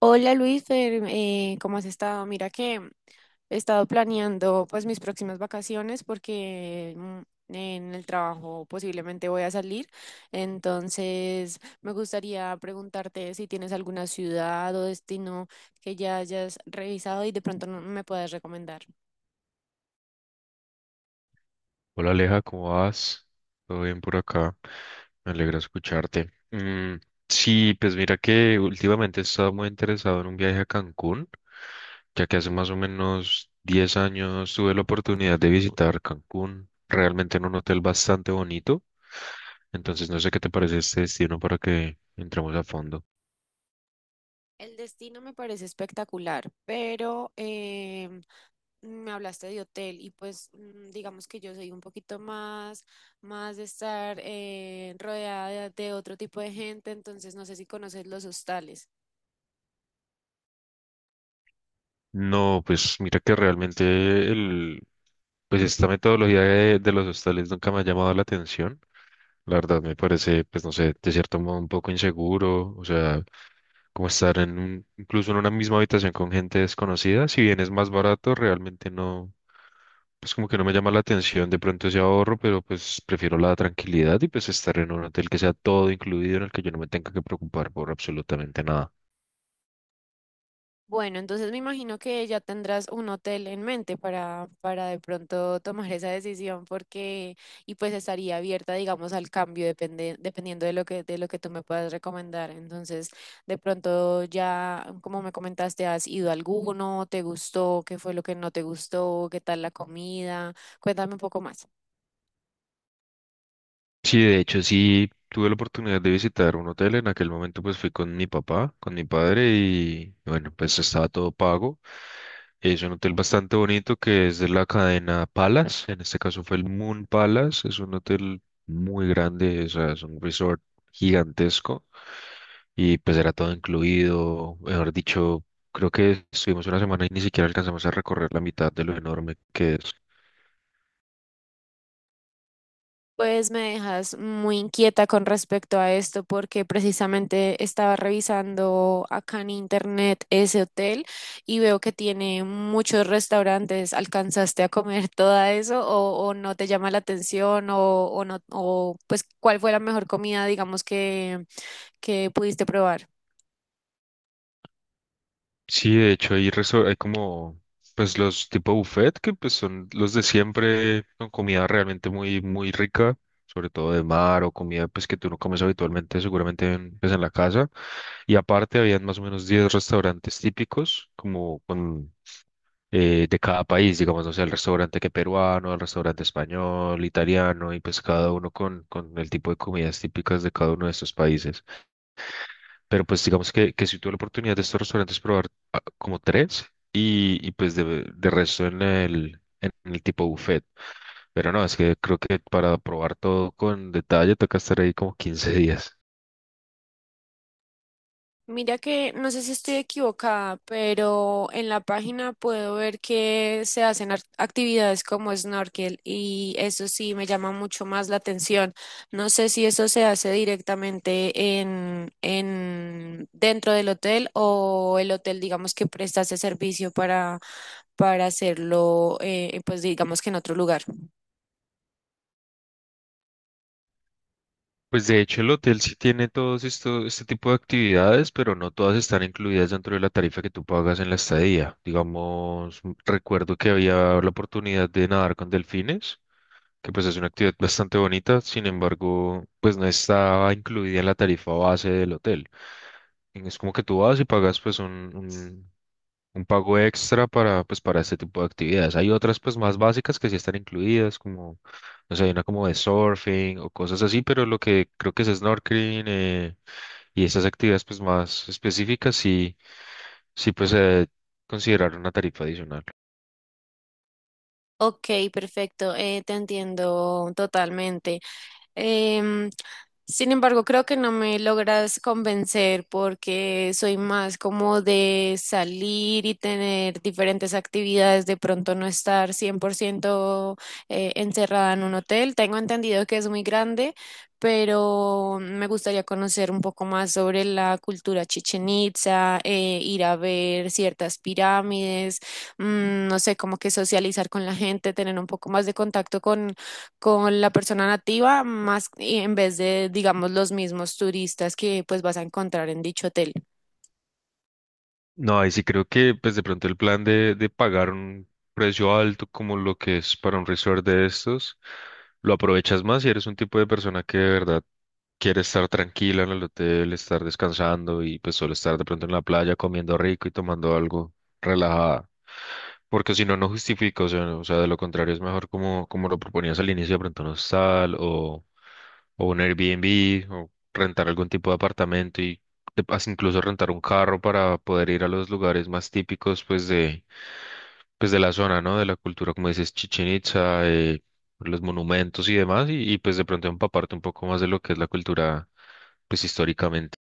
Hola Luis, ¿cómo has estado? Mira que he estado planeando, pues, mis próximas vacaciones porque en el trabajo posiblemente voy a salir. Entonces me gustaría preguntarte si tienes alguna ciudad o destino que ya hayas revisado y de pronto me puedas recomendar. Hola Aleja, ¿cómo vas? ¿Todo bien por acá? Me alegra escucharte. Sí, pues mira que últimamente he estado muy interesado en un viaje a Cancún, ya que hace más o menos 10 años tuve la oportunidad de visitar Cancún, realmente en un hotel bastante bonito. Entonces no sé qué te parece este destino para que entremos a fondo. El destino me parece espectacular, pero me hablaste de hotel y pues digamos que yo soy un poquito más de estar rodeada de otro tipo de gente. Entonces no sé si conoces los hostales. No, pues mira que realmente el, pues esta metodología de los hostales nunca me ha llamado la atención. La verdad me parece, pues no sé, de cierto modo un poco inseguro, o sea, como estar en un, incluso en una misma habitación con gente desconocida, si bien es más barato, realmente no, pues como que no me llama la atención de pronto ese ahorro, pero pues prefiero la tranquilidad y pues estar en un hotel que sea todo incluido, en el que yo no me tenga que preocupar por absolutamente nada. Bueno, entonces me imagino que ya tendrás un hotel en mente para de pronto tomar esa decisión porque, y pues estaría abierta, digamos, al cambio dependiendo de lo de lo que tú me puedas recomendar. Entonces, de pronto ya, como me comentaste, ¿has ido a alguno? ¿Te gustó? ¿Qué fue lo que no te gustó? ¿Qué tal la comida? Cuéntame un poco más. Sí, de hecho, sí tuve la oportunidad de visitar un hotel. En aquel momento, pues fui con mi papá, con mi padre, y bueno, pues estaba todo pago. Es un hotel bastante bonito que es de la cadena Palace. En este caso fue el Moon Palace. Es un hotel muy grande, o sea, es un resort gigantesco. Y pues era todo incluido. Mejor dicho, creo que estuvimos una semana y ni siquiera alcanzamos a recorrer la mitad de lo enorme que es. Pues me dejas muy inquieta con respecto a esto porque precisamente estaba revisando acá en internet ese hotel y veo que tiene muchos restaurantes. ¿Alcanzaste a comer todo eso o no te llama la atención o no, o pues cuál fue la mejor comida, digamos, que pudiste probar? Sí, de hecho hay como pues los tipo buffet que pues son los de siempre con comida realmente muy muy rica, sobre todo de mar o comida pues que tú no comes habitualmente seguramente en, pues en la casa. Y aparte habían más o menos 10 restaurantes típicos como con de cada país, digamos, no sé, el restaurante que peruano, el restaurante español, italiano y pues cada uno con el tipo de comidas típicas de cada uno de estos países. Pero pues digamos que sí tuve la oportunidad de estos restaurantes probar como tres y pues de resto en el tipo buffet. Pero no, es que creo que para probar todo con detalle toca estar ahí como 15 días. Mira que no sé si estoy equivocada, pero en la página puedo ver que se hacen actividades como snorkel y eso sí me llama mucho más la atención. No sé si eso se hace directamente en dentro del hotel, o el hotel, digamos, que presta ese servicio para hacerlo, pues digamos que en otro lugar. Pues de hecho el hotel sí tiene todos esto, este tipo de actividades, pero no todas están incluidas dentro de la tarifa que tú pagas en la estadía. Digamos, recuerdo que había la oportunidad de nadar con delfines, que pues es una actividad bastante bonita, sin embargo, pues no estaba incluida en la tarifa base del hotel. Es como que tú vas y pagas pues un pago extra para, pues, para este tipo de actividades. Hay otras pues más básicas que sí están incluidas, como o sea, hay una como de surfing o cosas así, pero lo que creo que es snorkeling y esas actividades pues más específicas sí, sí pues considerar una tarifa adicional. Ok, perfecto, te entiendo totalmente. Em, Sin embargo, creo que no me logras convencer porque soy más como de salir y tener diferentes actividades, de pronto no estar 100% encerrada en un hotel. Tengo entendido que es muy grande, pero me gustaría conocer un poco más sobre la cultura Chichen Itza, ir a ver ciertas pirámides, no sé, como que socializar con la gente, tener un poco más de contacto con la persona nativa más, y en vez de, digamos, los mismos turistas que pues vas a encontrar en dicho hotel. No, ahí sí creo que pues de pronto el plan de pagar un precio alto como lo que es para un resort de estos, lo aprovechas más si eres un tipo de persona que de verdad quiere estar tranquila en el hotel, estar descansando y pues solo estar de pronto en la playa comiendo rico y tomando algo relajada. Porque si no, no justifica, o sea, o sea, de lo contrario es mejor como, como lo proponías al inicio, de pronto un hostal o un Airbnb o rentar algún tipo de apartamento y hasta incluso rentar un carro para poder ir a los lugares más típicos, pues de la zona, ¿no? De la cultura, como dices, Chichen Itza, los monumentos y demás, y, pues de pronto empaparte un poco más de lo que es la cultura, pues históricamente.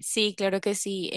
Sí, claro que sí.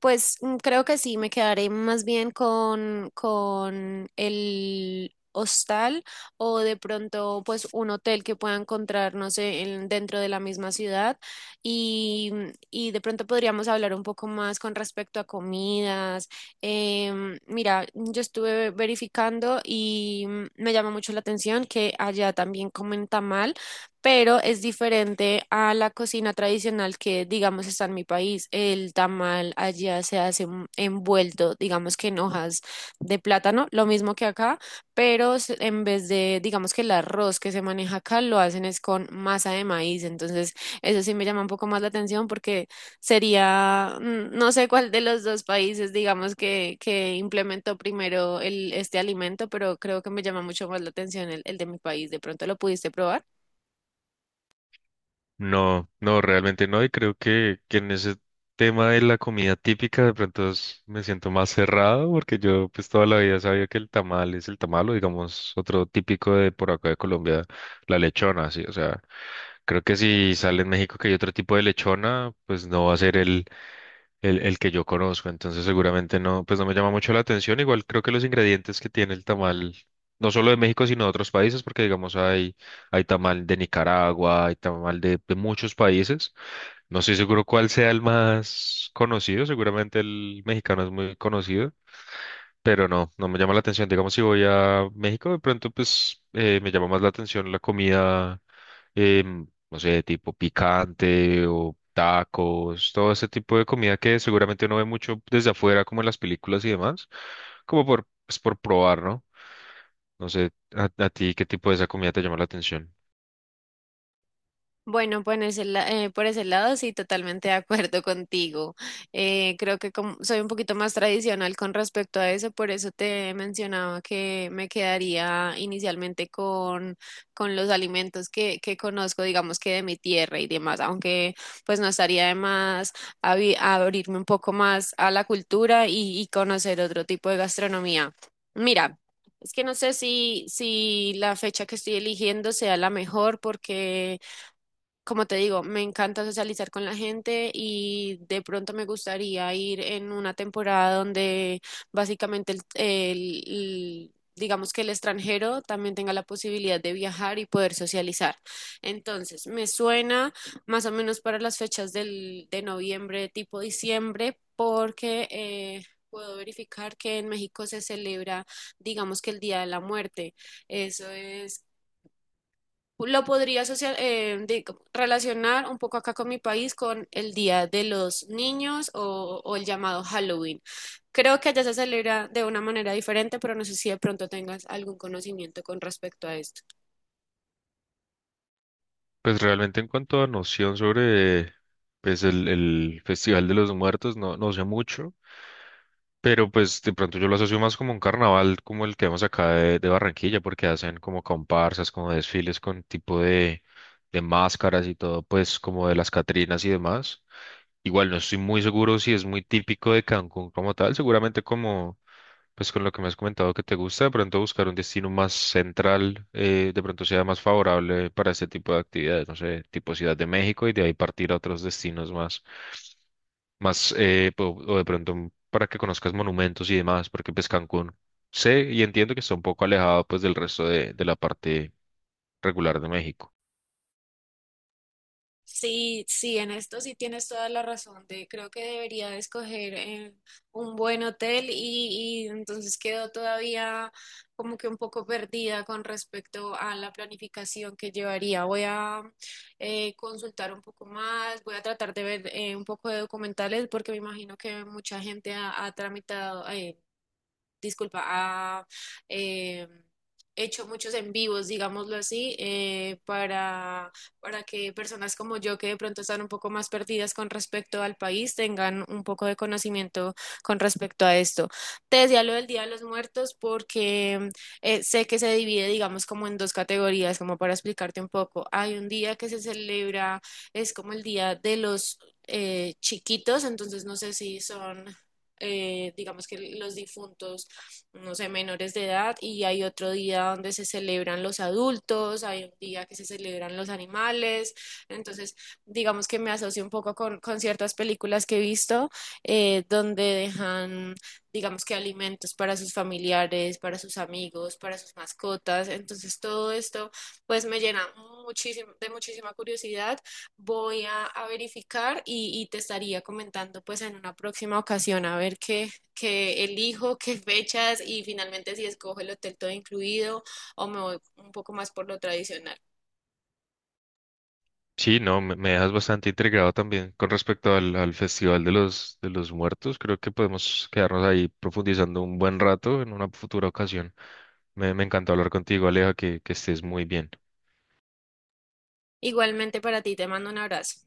Pues creo que sí, me quedaré más bien con el hostal, o de pronto pues un hotel que pueda encontrar, no sé, dentro de la misma ciudad y, y de pronto podríamos hablar un poco más con respecto a comidas. Mira, yo estuve verificando y me llama mucho la atención que allá también comen tamal, pero es diferente a la cocina tradicional que, digamos, está en mi país. El tamal allá se hace envuelto, digamos, que en hojas de plátano, lo mismo que acá, pero en vez de, digamos, que el arroz que se maneja acá, lo hacen es con masa de maíz. Entonces, eso sí me llama un poco más la atención porque sería, no sé cuál de los dos países, digamos, que implementó primero este alimento, pero creo que me llama mucho más la atención el de mi país. ¿De pronto lo pudiste probar? No, no, realmente no. Y creo que en ese tema de la comida típica de pronto me siento más cerrado porque yo pues toda la vida sabía que el tamal es el tamal o digamos otro típico de por acá de Colombia, la lechona, sí. O sea, creo que si sale en México que hay otro tipo de lechona, pues no va a ser el que yo conozco, entonces seguramente no, pues no me llama mucho la atención. Igual creo que los ingredientes que tiene el tamal, no solo de México, sino de otros países, porque digamos hay, hay tamal de Nicaragua, hay tamal de muchos países. No estoy seguro cuál sea el más conocido, seguramente el mexicano es muy conocido pero no, no me llama la atención. Digamos, si voy a México, de pronto, pues me llama más la atención la comida, no sé, tipo picante o tacos, todo ese tipo de comida que seguramente uno ve mucho desde afuera, como en las películas y demás, como por, pues, por probar, ¿no? No sé, a ti qué tipo de esa comida te llama la atención. Bueno, por por ese lado sí, totalmente de acuerdo contigo. Creo que como soy un poquito más tradicional con respecto a eso, por eso te mencionaba que me quedaría inicialmente con los alimentos que conozco, digamos, que de mi tierra y demás, aunque pues no estaría de más abrirme un poco más a la cultura y conocer otro tipo de gastronomía. Mira, es que no sé si la fecha que estoy eligiendo sea la mejor porque, como te digo, me encanta socializar con la gente y de pronto me gustaría ir en una temporada donde básicamente digamos que el extranjero también tenga la posibilidad de viajar y poder socializar. Entonces, me suena más o menos para las fechas de noviembre, tipo diciembre, porque... puedo verificar que en México se celebra, digamos, que el Día de la Muerte. Eso es lo relacionar un poco acá con mi país con el Día de los Niños, o el llamado Halloween. Creo que allá se celebra de una manera diferente, pero no sé si de pronto tengas algún conocimiento con respecto a esto. Pues realmente en cuanto a noción sobre pues el Festival de los Muertos, no, no sé mucho, pero pues de pronto yo lo asocio más como un carnaval como el que vemos acá de Barranquilla, porque hacen como comparsas, como desfiles con tipo de máscaras y todo, pues como de las Catrinas y demás. Igual no estoy muy seguro si es muy típico de Cancún como tal, seguramente como pues con lo que me has comentado que te gusta, de pronto buscar un destino más central, de pronto sea más favorable para este tipo de actividades, no sé, tipo Ciudad de México y de ahí partir a otros destinos más, más o de pronto para que conozcas monumentos y demás, porque pues Cancún sé y entiendo que está un poco alejado pues del resto de la parte regular de México. Sí, sí, en esto sí tienes toda la razón. De, creo que debería de escoger, un buen hotel, y entonces quedo todavía como que un poco perdida con respecto a la planificación que llevaría. Voy a consultar un poco más, voy a tratar de ver, un poco de documentales, porque me imagino que mucha gente ha tramitado, disculpa, ha eh, hecho muchos en vivos, digámoslo así, para que personas como yo, que de pronto están un poco más perdidas con respecto al país, tengan un poco de conocimiento con respecto a esto. Te decía lo del Día de los Muertos porque, sé que se divide, digamos, como en dos categorías, como para explicarte un poco. Hay un día que se celebra, es como el Día de los chiquitos, entonces no sé si son, digamos, que los difuntos, no sé, menores de edad, y hay otro día donde se celebran los adultos, hay un día que se celebran los animales. Entonces, digamos que me asocio un poco con ciertas películas que he visto, donde dejan, digamos, que alimentos para sus familiares, para sus amigos, para sus mascotas. Entonces, todo esto pues me llena muchísimo, de muchísima curiosidad. Voy a verificar y te estaría comentando pues en una próxima ocasión, a ver qué que elijo, qué fechas, y finalmente si escojo el hotel todo incluido o me voy un poco más por lo tradicional. Sí, no, me dejas bastante intrigado también con respecto al, al Festival de los Muertos. Creo que podemos quedarnos ahí profundizando un buen rato en una futura ocasión. Me encantó hablar contigo, Aleja, que estés muy bien. Igualmente para ti, te mando un abrazo.